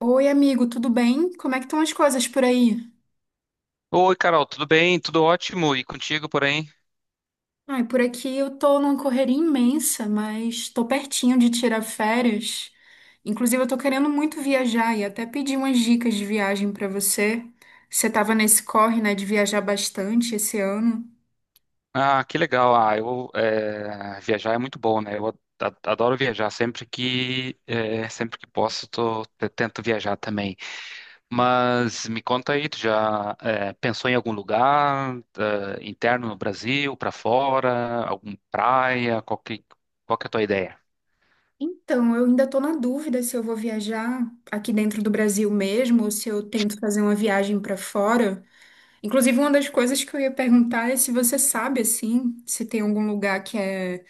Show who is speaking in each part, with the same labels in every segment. Speaker 1: Oi, amigo, tudo bem? Como é que estão as coisas por aí?
Speaker 2: Oi, Carol, tudo bem? Tudo ótimo? E contigo, porém?
Speaker 1: Ai, por aqui eu tô numa correria imensa, mas tô pertinho de tirar férias. Inclusive, eu tô querendo muito viajar e até pedi umas dicas de viagem pra você. Você tava nesse corre, né, de viajar bastante esse ano.
Speaker 2: Ah, que legal. Ah, viajar é muito bom, né? Adoro viajar. Sempre que posso, eu tento viajar também. Mas me conta aí, tu já pensou em algum lugar interno no Brasil, pra fora, alguma praia? Qual que é a tua ideia?
Speaker 1: Então, eu ainda tô na dúvida se eu vou viajar aqui dentro do Brasil mesmo ou se eu tento fazer uma viagem pra fora. Inclusive, uma das coisas que eu ia perguntar é se você sabe, assim, se tem algum lugar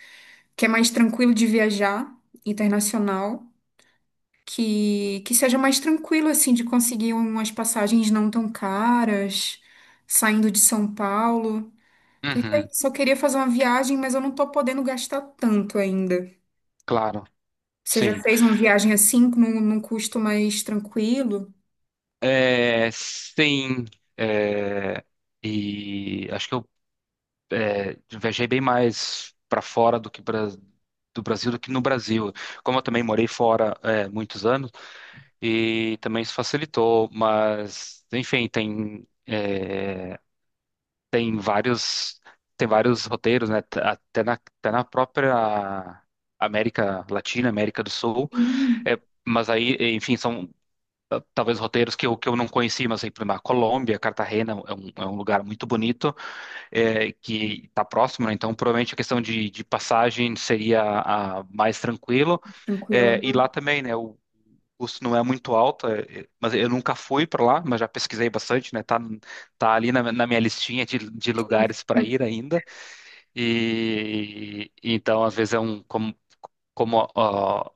Speaker 1: que é mais tranquilo de viajar, internacional, que seja mais tranquilo, assim, de conseguir umas passagens não tão caras, saindo de São Paulo. Porque é
Speaker 2: Uhum,
Speaker 1: isso, eu queria fazer uma viagem, mas eu não tô podendo gastar tanto ainda.
Speaker 2: claro,
Speaker 1: Você já
Speaker 2: sim.
Speaker 1: fez uma viagem assim, num custo mais tranquilo?
Speaker 2: É, sim. é, e acho que eu viajei bem mais para fora do Brasil do que no Brasil. Como eu também morei fora muitos anos e também isso facilitou, mas enfim, tem vários tem vários roteiros, né? Até até na própria América Latina, América do Sul.
Speaker 1: Sim,
Speaker 2: É, mas aí, enfim, são ah, talvez roteiros que que eu não conheci, mas aí, por exemplo, a Colômbia, Cartagena é é um lugar muito bonito que está próximo, né? Então provavelmente a questão de passagem seria mais tranquilo.
Speaker 1: tranquila.
Speaker 2: É, e lá também, né? O custo não é muito alto, mas eu nunca fui para lá, mas já pesquisei bastante, né? Tá, tá ali na minha listinha de lugares para ir ainda. E então, às vezes é um como como ó,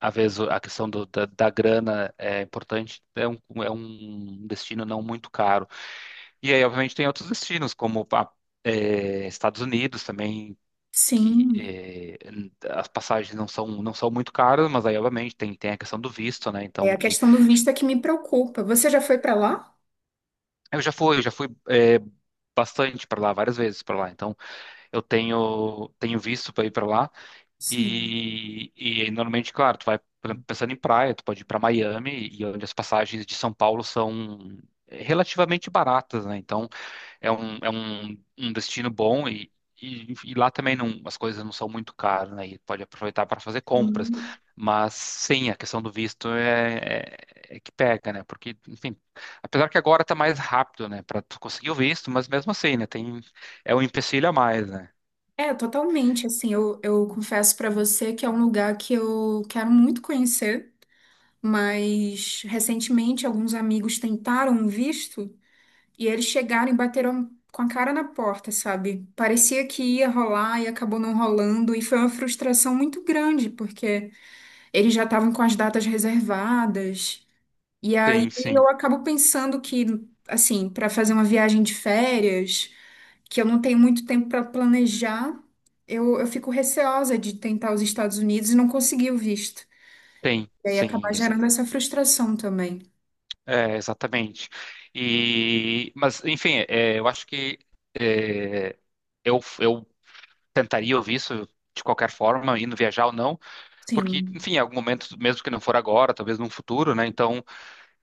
Speaker 2: às vezes a questão da grana é importante, é um destino não muito caro. E aí, obviamente, tem outros destinos, Estados Unidos também, que
Speaker 1: Sim.
Speaker 2: eh, n- as passagens não são muito caras, mas aí, obviamente, tem a questão do visto, né?
Speaker 1: É
Speaker 2: Então,
Speaker 1: a
Speaker 2: que
Speaker 1: questão do visto é que me preocupa. Você já foi pra lá?
Speaker 2: eu já fui, bastante para lá, várias vezes para lá. Então, tenho visto para ir para lá.
Speaker 1: Sim.
Speaker 2: E normalmente, claro, tu vai, por exemplo, pensando em praia, tu pode ir para Miami, e onde as passagens de São Paulo são relativamente baratas, né? Então, um destino bom e lá também não, as coisas não são muito caras, né? E pode aproveitar para fazer compras.
Speaker 1: Sim.
Speaker 2: Mas sim, a questão do visto é que pega, né? Porque, enfim, apesar que agora tá mais rápido, né, para tu conseguir o visto, mas mesmo assim, né, tem é um empecilho a mais, né?
Speaker 1: É, totalmente. Assim, eu confesso pra você que é um lugar que eu quero muito conhecer, mas recentemente alguns amigos tentaram um visto e eles chegaram e bateram com a cara na porta, sabe? Parecia que ia rolar e acabou não rolando, e foi uma frustração muito grande, porque eles já estavam com as datas reservadas. E
Speaker 2: Sim,
Speaker 1: aí
Speaker 2: sim,
Speaker 1: eu acabo pensando que, assim, pra fazer uma viagem de férias que eu não tenho muito tempo para planejar, eu fico receosa de tentar os Estados Unidos e não conseguir o visto.
Speaker 2: tem,
Speaker 1: E aí
Speaker 2: sim.
Speaker 1: acabar gerando essa frustração também.
Speaker 2: É, exatamente. E, mas, enfim, eu acho que é, eu tentaria ouvir isso de qualquer forma, indo viajar ou não, porque,
Speaker 1: Sim.
Speaker 2: enfim, em algum momento, mesmo que não for agora, talvez num futuro, né? Então,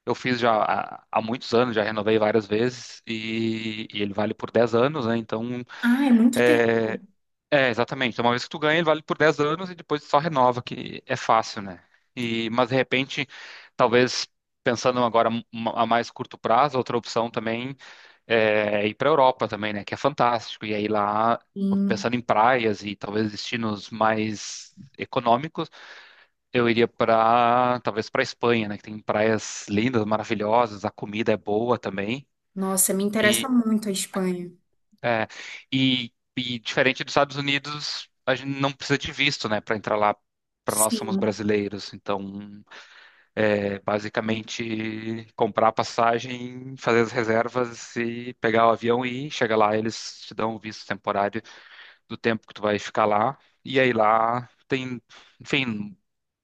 Speaker 2: eu fiz já há muitos anos, já renovei várias vezes e ele vale por 10 anos, né? Então,
Speaker 1: Ah, é muito
Speaker 2: é,
Speaker 1: tempo.
Speaker 2: é, exatamente. Então, uma vez que tu ganha, ele vale por 10 anos e depois só renova, que é fácil, né? E, mas de repente, talvez pensando agora a mais curto prazo, outra opção também é ir para a Europa também, né? Que é fantástico. E aí lá,
Speaker 1: Sim.
Speaker 2: pensando em praias e talvez destinos mais econômicos, eu iria para talvez para a Espanha, né? Que tem praias lindas, maravilhosas, a comida é boa também.
Speaker 1: Nossa, me interessa muito a Espanha.
Speaker 2: É, e diferente dos Estados Unidos, a gente não precisa de visto, né, para entrar lá. Para nós somos
Speaker 1: Sim,
Speaker 2: brasileiros, então é basicamente comprar a passagem, fazer as reservas e pegar o avião e chegar lá. Eles te dão o visto temporário do tempo que tu vai ficar lá. E aí lá tem, enfim,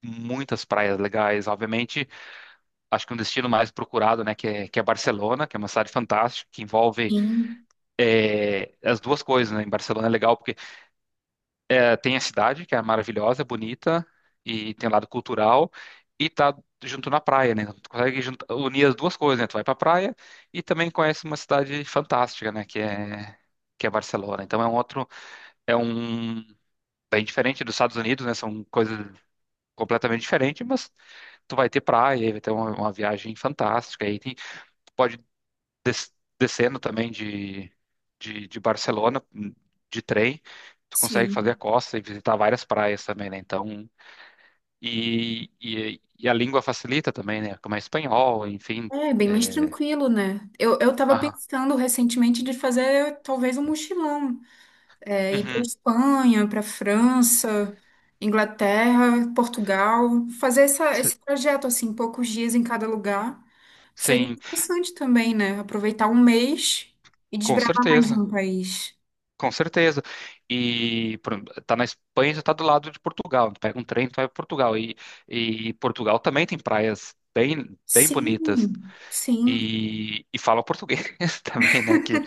Speaker 2: muitas praias legais. Obviamente, acho que um destino mais procurado, né, que é Barcelona, que é uma cidade fantástica, que envolve
Speaker 1: sim,
Speaker 2: as duas coisas, né? Em Barcelona é legal. É, tem a cidade, que é maravilhosa, bonita, e tem o lado cultural, e tá junto na praia, né? Então, tu consegue unir as duas coisas, né? Tu vai pra praia e também conhece uma cidade fantástica, né? Que é Barcelona. Então é um outro, é um bem diferente dos Estados Unidos, né? São coisas completamente diferentes, mas tu vai ter praia, vai ter uma viagem fantástica. E tem, tu pode des- descendo também de Barcelona de trem, tu consegue fazer a
Speaker 1: sim.
Speaker 2: costa e visitar várias praias também, né? Então, e a língua facilita também, né? Como é espanhol, enfim.
Speaker 1: É bem mais
Speaker 2: É...
Speaker 1: tranquilo, né? Eu tava
Speaker 2: Aham.
Speaker 1: pensando recentemente de fazer talvez um mochilão. É, ir para
Speaker 2: Uhum.
Speaker 1: Espanha, para França, Inglaterra, Portugal, fazer
Speaker 2: S-
Speaker 1: esse projeto assim, poucos dias em cada lugar, seria
Speaker 2: Sim,
Speaker 1: interessante também, né? Aproveitar um mês e
Speaker 2: com
Speaker 1: desbravar mais
Speaker 2: certeza.
Speaker 1: um país.
Speaker 2: Com certeza. E por exemplo, tá na Espanha, já tá do lado de Portugal. Tu pega um trem, tu vai para Portugal. E Portugal também tem praias bem bonitas.
Speaker 1: Sim, sim.
Speaker 2: E fala português também, né?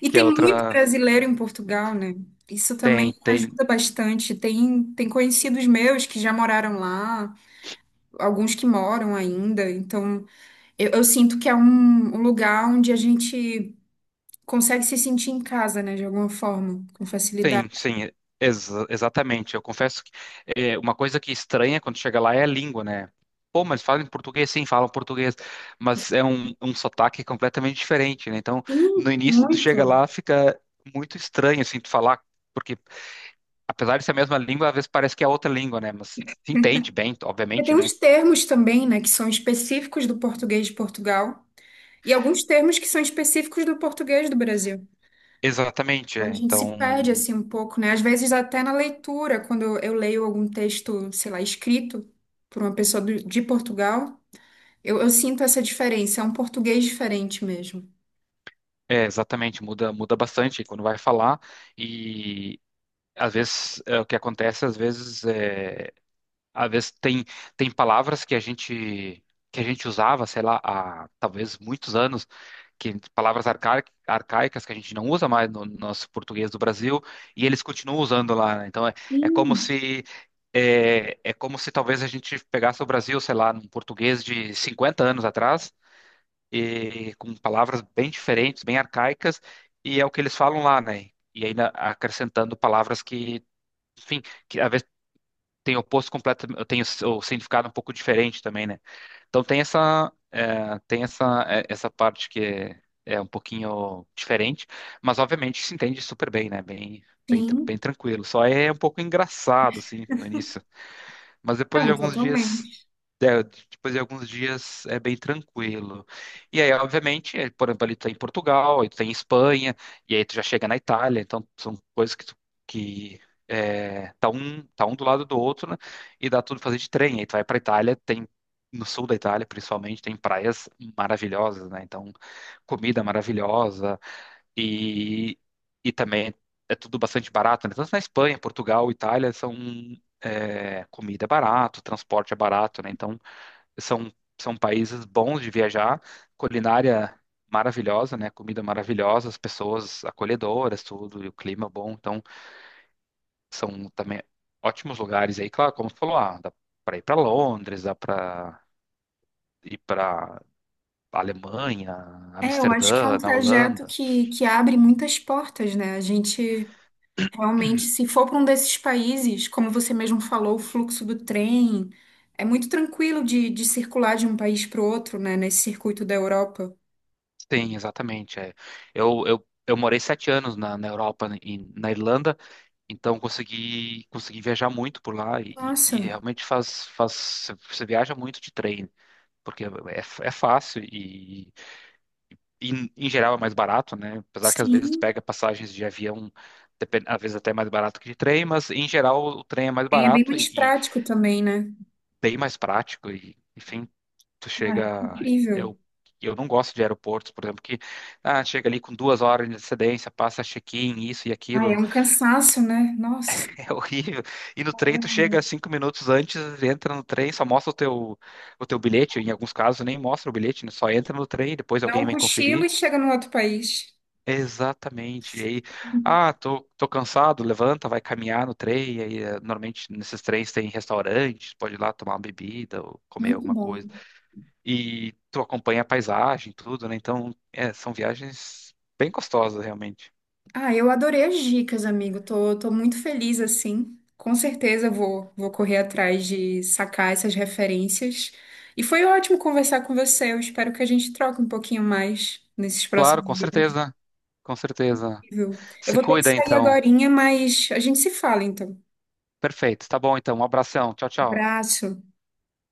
Speaker 1: E
Speaker 2: que é
Speaker 1: tem muito
Speaker 2: outra,
Speaker 1: brasileiro em Portugal, né? Isso também
Speaker 2: Tem, tem,
Speaker 1: ajuda bastante. Tem conhecidos meus que já moraram lá, alguns que moram ainda. Então, eu sinto que é um lugar onde a gente consegue se sentir em casa, né, de alguma forma, com facilidade.
Speaker 2: tem, sim, exatamente. Eu confesso que uma coisa que estranha quando chega lá é a língua, né? Pô, mas falam em português, sim, falam português, mas é um, um sotaque completamente diferente, né? Então, no
Speaker 1: Sim,
Speaker 2: início, tu chega
Speaker 1: muito.
Speaker 2: lá, fica muito estranho, assim, tu falar, porque apesar de ser a mesma língua, às vezes parece que é outra língua, né? Mas se entende bem,
Speaker 1: Porque
Speaker 2: obviamente,
Speaker 1: tem
Speaker 2: né?
Speaker 1: uns termos também, né, que são específicos do português de Portugal e alguns termos que são específicos do português do Brasil.
Speaker 2: Exatamente,
Speaker 1: Então a
Speaker 2: é.
Speaker 1: gente se perde
Speaker 2: Então,
Speaker 1: assim um pouco, né? Às vezes até na leitura, quando eu leio algum texto, sei lá, escrito por uma pessoa de Portugal, eu sinto essa diferença, é um português diferente mesmo.
Speaker 2: é, exatamente, muda bastante quando vai falar e... o que acontece, às vezes tem, tem palavras que a gente usava, sei lá, há talvez muitos anos, que arcaicas que a gente não usa mais no nosso português do Brasil e eles continuam usando lá, né? Então é como
Speaker 1: Sim.
Speaker 2: se é como se talvez a gente pegasse o Brasil, sei lá, num português de 50 anos atrás e com palavras bem diferentes, bem arcaicas e é o que eles falam lá, né? E ainda acrescentando palavras que, enfim, que às tem o posto completo, o significado um pouco diferente também, né? Então tem essa essa parte que é, é um pouquinho diferente, mas obviamente se entende super bem, né? Bem
Speaker 1: Sim,
Speaker 2: tranquilo. Só é um pouco engraçado assim no início, mas depois de
Speaker 1: não,
Speaker 2: alguns dias,
Speaker 1: totalmente.
Speaker 2: é, depois de alguns dias é bem tranquilo. E aí, obviamente, é, por exemplo, ali tu tá em Portugal, aí tu tá em Espanha, e aí tu já chega na Itália, então são coisas que tu, que é, tá um do lado do outro, né? E dá tudo pra fazer de trem. Aí tu vai pra Itália, tem no sul da Itália, principalmente, tem praias maravilhosas, né? Então, comida maravilhosa e, e também é tudo bastante barato, né? Tanto na Espanha, Portugal, Itália, são é, comida é barato, transporte é barato, né? Então, são, são países bons de viajar, culinária maravilhosa, né? Comida maravilhosa, as pessoas acolhedoras, tudo, e o clima bom. Então, são também ótimos lugares aí, claro, como você falou, ah, dá para ir para Londres, dá para ir para Alemanha,
Speaker 1: É, eu acho que é um
Speaker 2: Amsterdã, na
Speaker 1: trajeto
Speaker 2: Holanda.
Speaker 1: que abre muitas portas, né? A gente realmente, se for para um desses países, como você mesmo falou, o fluxo do trem é muito tranquilo de circular de um país para o outro, né? Nesse circuito da Europa.
Speaker 2: Sim, exatamente. É. Eu morei 7 anos na Europa, na Irlanda. Então consegui viajar muito por lá e,
Speaker 1: Nossa,
Speaker 2: e realmente faz você viaja muito de trem porque é fácil e, em geral é mais barato, né? Apesar que às vezes tu
Speaker 1: sim.
Speaker 2: pega passagens de avião às vezes até mais barato que de trem, mas em geral o trem é mais
Speaker 1: Trem é bem
Speaker 2: barato
Speaker 1: mais
Speaker 2: e
Speaker 1: prático também, né?
Speaker 2: bem mais prático e enfim tu
Speaker 1: Ah, é
Speaker 2: chega.
Speaker 1: incrível.
Speaker 2: eu Eu não gosto de aeroportos, por exemplo, que ah, chega ali com 2 horas de antecedência, passa check-in, isso e
Speaker 1: Ah, é
Speaker 2: aquilo.
Speaker 1: um cansaço, né? Nossa,
Speaker 2: É horrível. E no trem tu chega 5 minutos antes, entra no trem, só mostra o teu bilhete. Em alguns casos nem mostra o bilhete, né? Só entra no trem, depois
Speaker 1: dá
Speaker 2: alguém
Speaker 1: um
Speaker 2: vem
Speaker 1: cochilo
Speaker 2: conferir.
Speaker 1: e chega no outro país.
Speaker 2: Exatamente. E aí, ah, tô cansado, levanta, vai caminhar no trem. E aí, normalmente nesses trens tem restaurantes, pode ir lá tomar uma bebida ou comer
Speaker 1: Muito
Speaker 2: alguma
Speaker 1: bom.
Speaker 2: coisa. E tu acompanha a paisagem, tudo, né? Então, é, são viagens bem gostosas, realmente.
Speaker 1: Ah, eu adorei as dicas, amigo. Tô muito feliz assim. Com certeza vou correr atrás de sacar essas referências. E foi ótimo conversar com você. Eu espero que a gente troque um pouquinho mais nesses
Speaker 2: Claro,
Speaker 1: próximos
Speaker 2: com
Speaker 1: dias,
Speaker 2: certeza, com certeza.
Speaker 1: viu? Eu
Speaker 2: Se
Speaker 1: vou ter que
Speaker 2: cuida,
Speaker 1: sair
Speaker 2: então.
Speaker 1: agorinha, mas a gente se fala então.
Speaker 2: Perfeito. Tá bom, então. Um abração. Tchau, tchau.
Speaker 1: Abraço.